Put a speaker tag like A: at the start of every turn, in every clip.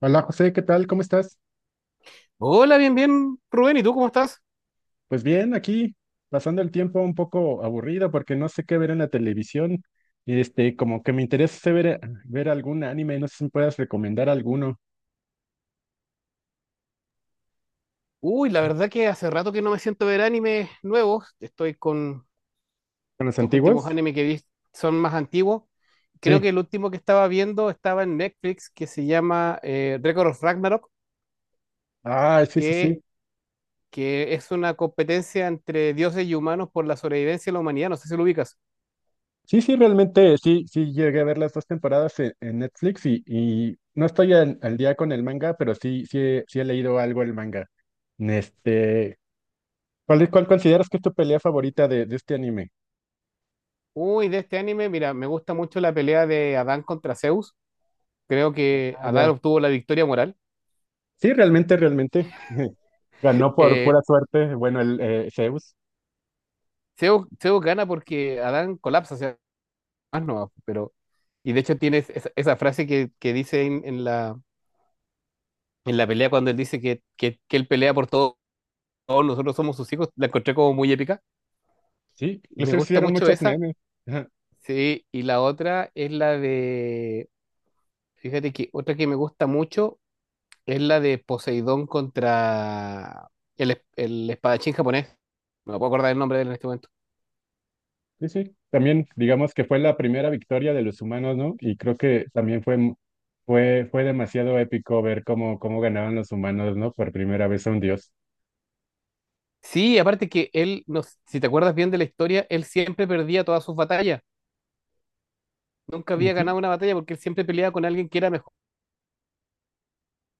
A: Hola José, ¿qué tal? ¿Cómo estás?
B: Hola, bien, bien, Rubén, ¿y tú cómo estás?
A: Pues bien, aquí pasando el tiempo un poco aburrido porque no sé qué ver en la televisión. Como que me interesa ver algún anime, no sé si me puedas recomendar alguno.
B: Uy, la verdad que hace rato que no me siento a ver animes nuevos. Estoy con
A: ¿Con los
B: los últimos
A: antiguos?
B: animes que vi son más antiguos. Creo que
A: Sí.
B: el último que estaba viendo estaba en Netflix, que se llama Record of Ragnarok,
A: Ah, sí, sí,
B: que,
A: sí.
B: que es una competencia entre dioses y humanos por la sobrevivencia de la humanidad. No sé si lo ubicas.
A: Sí, sí, realmente sí, sí llegué a ver las dos temporadas en Netflix y no estoy al día con el manga, pero sí, sí, sí he leído algo el manga. Este, cuál consideras que es tu pelea favorita de este anime?
B: Uy, de este anime, mira, me gusta mucho la pelea de Adán contra Zeus. Creo que
A: Ah
B: Adán
A: ya.
B: obtuvo la victoria moral.
A: Sí, realmente, realmente. Ganó por
B: Eh,
A: pura suerte, bueno, el Zeus.
B: Zeus gana porque Adán colapsa más nomás, pero... Y de hecho tienes esa, esa frase que dice en la pelea cuando él dice que él pelea por todos, nosotros somos sus hijos, la encontré como muy épica.
A: Sí,
B: Me
A: inclusive
B: gusta
A: hicieron
B: mucho
A: muchos
B: esa,
A: memes. Ajá.
B: sí, y la otra es la de, fíjate que otra que me gusta mucho es la de Poseidón contra el espadachín japonés. No me puedo acordar el nombre de él en este momento.
A: Sí, sí. También, digamos que fue la primera victoria de los humanos, ¿no? Y creo que también fue, fue demasiado épico ver cómo, cómo ganaban los humanos, ¿no? Por primera vez a un dios.
B: Sí, aparte que él, no, si te acuerdas bien de la historia, él siempre perdía todas sus batallas. Nunca había
A: Sí,
B: ganado una batalla porque él siempre peleaba con alguien que era mejor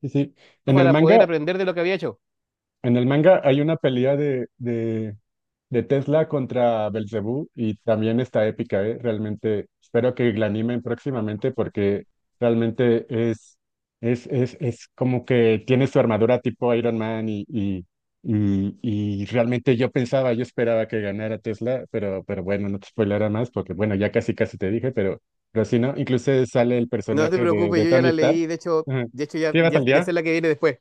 A: sí, sí. En el
B: para
A: manga,
B: poder aprender de lo que había hecho.
A: en el manga hay una pelea de Tesla contra Belzebú y también está épica, ¿eh? Realmente espero que la animen próximamente porque realmente es, es como que tiene su armadura tipo Iron Man y realmente yo pensaba, yo esperaba que ganara Tesla, pero bueno, no te spoileré más porque bueno, ya casi casi te dije, pero sí, ¿no? Incluso sale el
B: No te
A: personaje
B: preocupes,
A: de
B: yo ya
A: Tony
B: la
A: Stark.
B: leí,
A: Ajá.
B: de hecho
A: ¿Sí vas al
B: ya
A: día?
B: sé la que viene después.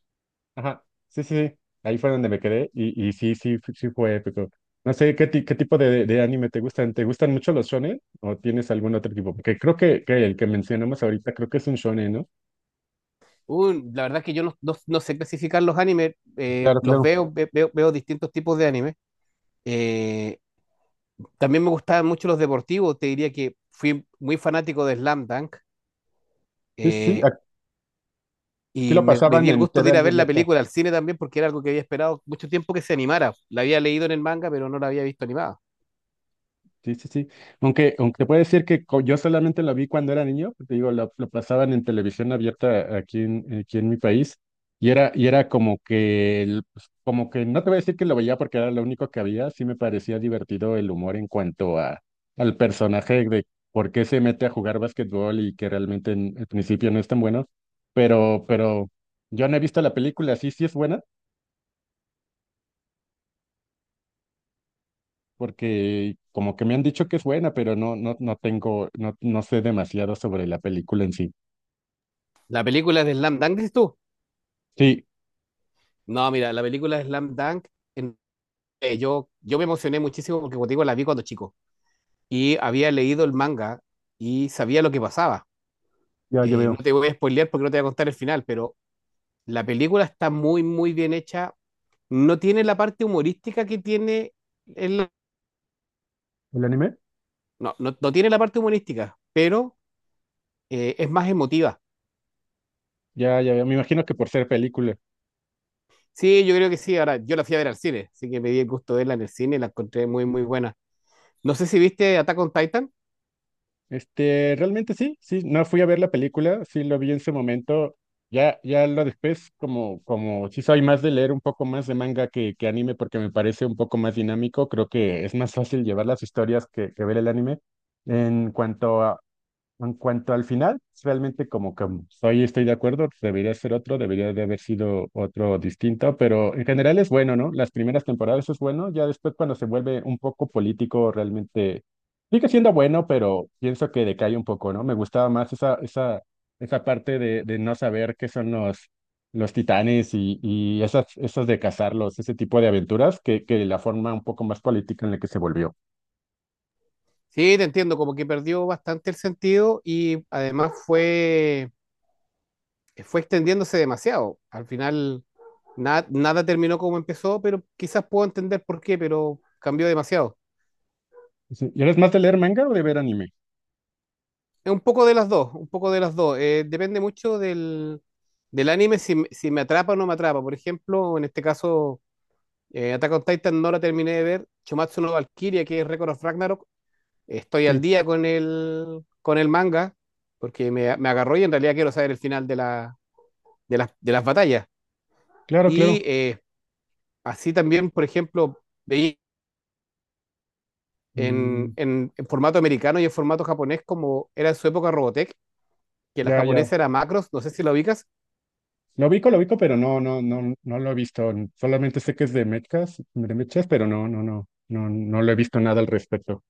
A: Ajá, sí, sí, sí. Ahí fue donde me quedé y sí, sí, sí fue épico. No sé, qué tipo de anime te gustan? ¿Te gustan mucho los shonen o tienes algún otro tipo? Porque creo que el que mencionamos ahorita creo que es un shonen, ¿no?
B: La verdad es que yo no sé clasificar los animes,
A: Claro,
B: los
A: claro.
B: veo, veo, veo distintos tipos de animes. Eh, También me gustaban mucho los deportivos, te diría que fui muy fanático de Slam Dunk
A: Sí, sí, sí,
B: eh,
A: aquí
B: y
A: lo
B: me
A: pasaban
B: di el
A: en
B: gusto
A: T
B: de
A: TV
B: ir a ver la
A: abierta.
B: película al cine también porque era algo que había esperado mucho tiempo que se animara. La había leído en el manga, pero no la había visto animada.
A: Sí, sí, sí. Aunque, aunque puede decir que yo solamente lo vi cuando era niño, porque digo, lo pasaban en televisión abierta aquí en mi país, y era como que, pues, como que, no te voy a decir que lo veía porque era lo único que había, sí me parecía divertido el humor en cuanto a, al personaje de por qué se mete a jugar básquetbol y que realmente en el principio no es tan bueno, pero yo no he visto la película, sí, sí es buena. Porque como que me han dicho que es buena, pero no, no, no tengo, no, no sé demasiado sobre la película en sí.
B: La película de Slam Dunk, dices tú.
A: Sí,
B: No, mira, la película Slam Dunk, en- yo me emocioné muchísimo porque, como te digo, la vi cuando chico y había leído el manga y sabía lo que pasaba.
A: ya, ya
B: No
A: veo.
B: te voy a spoilear porque no te voy a contar el final, pero la película está muy, muy bien hecha. No tiene la parte humorística que tiene el-
A: ¿El anime?
B: no, no, no tiene la parte humorística, pero es más emotiva.
A: Ya, ya, veo, me imagino que por ser película.
B: Sí, yo creo que sí. Ahora, yo la fui a ver al cine, así que me di el gusto de verla en el cine y la encontré muy, muy buena. No sé si viste Attack on Titan.
A: Este, realmente sí, sí, no fui a ver la película, sí lo vi en su momento. Ya, ya lo después, como, como sí soy más de leer un poco más de manga que anime porque me parece un poco más dinámico, creo que es más fácil llevar las historias que ver el anime. En cuanto a, En cuanto al final, pues, realmente como que soy, estoy de acuerdo, debería ser otro, debería de haber sido otro distinto, pero en general es bueno, ¿no? Las primeras temporadas es bueno, ya después cuando se vuelve un poco político, realmente sigue siendo bueno, pero pienso que decae un poco, ¿no? Me gustaba más esa parte de no saber qué son los titanes y esas, esas de cazarlos, ese tipo de aventuras, que la forma un poco más política en la que se volvió.
B: Sí, te entiendo, como que perdió bastante el sentido y además fue extendiéndose demasiado. Al final nada terminó como empezó, pero quizás puedo entender por qué, pero cambió demasiado.
A: Sí. ¿Y eres más de leer manga o de ver anime?
B: Es un poco de las dos, un poco de las dos. Depende mucho del anime si, si me atrapa o no me atrapa. Por ejemplo, en este caso, Attack on Titan no la terminé de ver. Chumatsu no Valkyria, que es Record of Ragnarok, estoy al
A: Sí,
B: día con el manga, porque me agarró y en realidad quiero saber el final de la de las batallas.
A: claro,
B: Y
A: claro.
B: así también, por ejemplo, veía
A: Mm,
B: en formato americano y en formato japonés, como era en su época Robotech, que la
A: ya, ya.
B: japonesa era Macros, no sé si la ubicas.
A: Lo ubico, pero no, no, no, no lo he visto. Solamente sé que es de mechas, pero no, no, no, no, no lo he visto nada al respecto.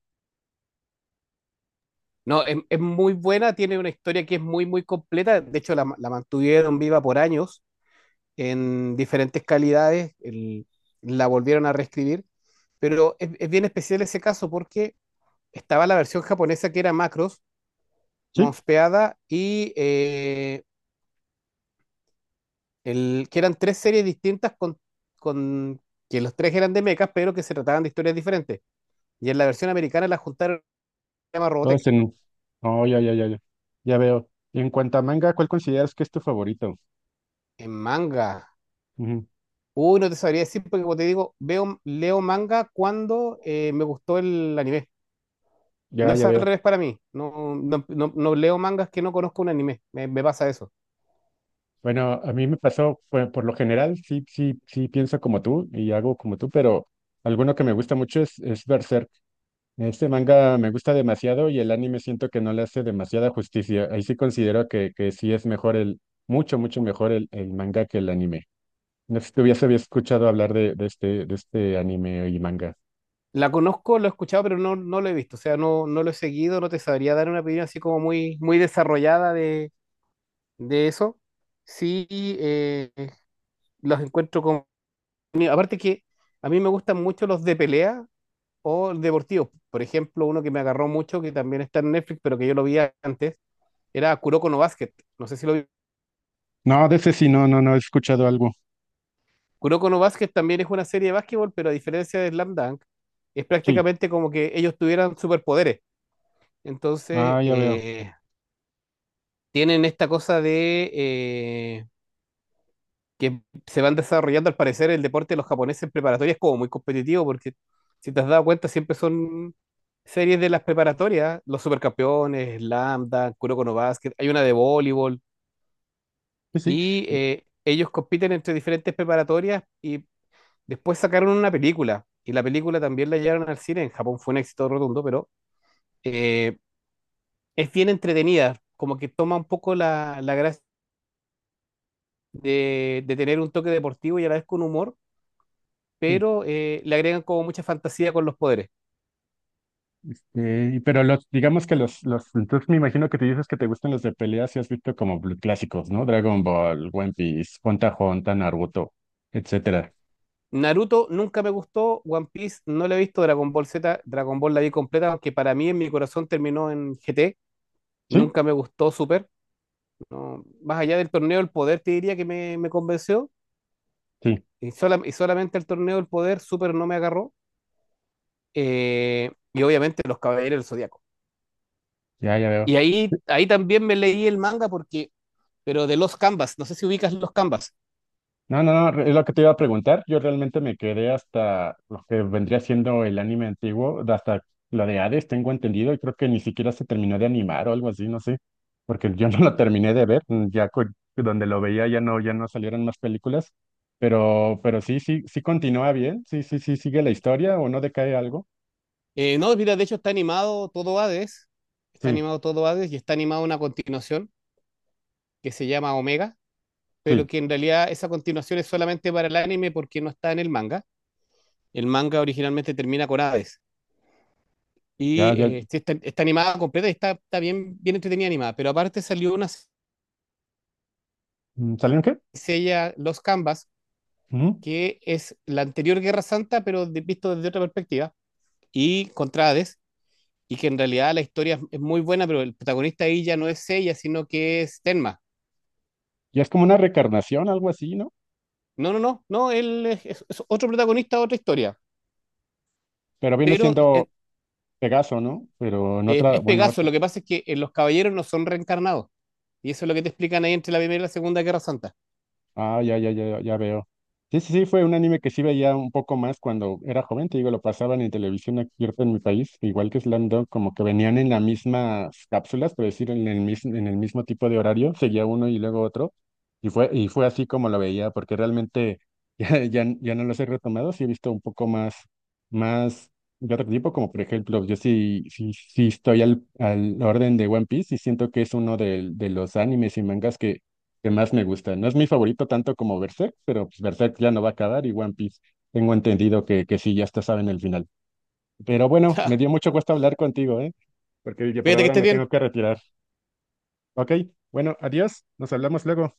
B: No, es muy buena, tiene una historia que es muy, muy completa. De hecho, la mantuvieron viva por años en diferentes calidades, la volvieron a reescribir. Pero bien especial ese caso porque estaba la versión japonesa que era Macros,
A: Sí,
B: mospeada y el, que eran tres series distintas con que los tres eran de mechas, pero que se trataban de historias diferentes. Y en la versión americana la juntaron, se llama
A: todo
B: Robotech,
A: es en. Oh, ya, ya, ya, ya. Ya veo. Y en cuanto a manga, ¿cuál consideras que es tu favorito?
B: en manga.
A: Ujú,
B: Uy, no te sabría decir, porque como te digo, veo, leo manga cuando me gustó el anime.
A: ya,
B: No
A: ya
B: es al
A: veo.
B: revés para mí. No, no leo mangas que no conozco un anime. Me pasa eso.
A: Bueno, a mí me pasó, pues, por lo general, sí, sí, sí pienso como tú y hago como tú, pero alguno que me gusta mucho es Berserk. Este manga me gusta demasiado y el anime siento que no le hace demasiada justicia. Ahí sí considero que sí es mejor el, mucho, mucho mejor el manga que el anime. No sé si tú ya se había escuchado hablar de este anime y manga.
B: La conozco, lo he escuchado, pero no, no lo he visto. O sea, no, no lo he seguido, no te sabría dar una opinión así como muy, muy desarrollada de eso. Sí, eh, los encuentro con... Aparte que a mí me gustan mucho los de pelea o deportivos. Por ejemplo, uno que me agarró mucho, que también está en Netflix, pero que yo lo vi antes, era Kuroko no Basket. No sé si lo vi.
A: No, de ese sí, no, no, no he escuchado algo.
B: Kuroko no Basket también es una serie de básquetbol, pero a diferencia de Slam Dunk, es
A: Sí,
B: prácticamente como que ellos tuvieran superpoderes. Entonces,
A: ah, ya veo.
B: tienen esta cosa de... que se van desarrollando, al parecer, el deporte de los japoneses en preparatoria es como muy competitivo, porque si te has dado cuenta, siempre son series de las preparatorias, los supercampeones, Lambda, Kuroko no Basket, hay una de voleibol,
A: Sí, sí,
B: y ellos compiten entre diferentes preparatorias y después sacaron una película, y la película también la llevaron al cine, en Japón fue un éxito rotundo, pero eh, es bien entretenida, como que toma un poco la gracia de tener un toque deportivo y a la vez con humor,
A: sí.
B: pero le agregan como mucha fantasía con los poderes.
A: Y pero los, digamos que entonces me imagino que te dices que te gustan los de peleas y has visto como clásicos, ¿no? Dragon Ball, One Piece, Hunter x Hunter, Naruto, etcétera.
B: Naruto nunca me gustó, One Piece no la he visto, Dragon Ball Z, Dragon Ball la vi completa, aunque para mí en mi corazón terminó en GT,
A: Sí,
B: nunca me gustó Super, no, más allá del torneo del poder te diría que me convenció,
A: sí,
B: y, y solamente el torneo del poder Super no me agarró, y obviamente los Caballeros del Zodiaco.
A: ya, ya
B: Y
A: veo.
B: ahí, ahí también me leí el manga porque, pero de los Canvas, no sé si ubicas los Canvas.
A: No, no, no, es lo que te iba a preguntar. Yo realmente me quedé hasta lo que vendría siendo el anime antiguo, de hasta la de Hades, tengo entendido, y creo que ni siquiera se terminó de animar o algo así, no sé, porque yo no lo terminé de ver, mm, donde lo veía ya no, ya no salieron más películas, pero sí, sí, sí continúa bien, sí, sí, sí, sigue la historia o no decae algo.
B: No, mira, de hecho está animado todo Hades, está
A: Sí,
B: animado todo Hades y está animada una continuación que se llama Omega, pero
A: sí,
B: que en realidad esa continuación es solamente para el anime porque no está en el manga. El manga originalmente termina con Hades y
A: ya, ya,
B: sí está, está animada completa y está, está bien, bien entretenida animada, pero aparte salió una
A: mm, ¿salieron qué?
B: sella Los Canvas,
A: Ujú.
B: que es la anterior Guerra Santa, pero visto desde otra perspectiva, y contra Hades, y que en realidad la historia es muy buena, pero el protagonista ahí ya no es ella, sino que es Tenma.
A: Ya es como una recarnación, algo así, ¿no?
B: No, no, no, no, él es otro protagonista, otra historia.
A: Pero viene
B: Pero
A: siendo Pegaso, ¿no? Pero en otra,
B: es
A: bueno,
B: Pegaso, lo que pasa es que los caballeros no son reencarnados. Y eso es lo que te explican ahí entre la Primera y la Segunda Guerra Santa.
A: ah, ya, ya, ya, ya veo. Sí, sí, sí, fue un anime que sí veía un poco más cuando era joven, te digo, lo pasaban en televisión aquí en mi país, igual que Slam Dunk, como que venían en las mismas cápsulas, por decir, en el mismo tipo de horario, seguía uno y luego otro, y fue así como lo veía, porque realmente ya, ya, ya no los he retomado, sí he visto un poco más de otro tipo, como por ejemplo, yo sí, sí, sí estoy al orden de One Piece y siento que es uno los animes y mangas que más me gusta. No es mi favorito tanto como Berserk, pero pues Berserk ya no va a acabar y One Piece tengo entendido que sí, ya está, saben el final. Pero bueno, me dio mucho gusto hablar contigo, ¿eh? Porque yo por
B: Cuídate que
A: ahora
B: estés
A: me tengo
B: bien.
A: que retirar. Ok, bueno, adiós, nos hablamos luego.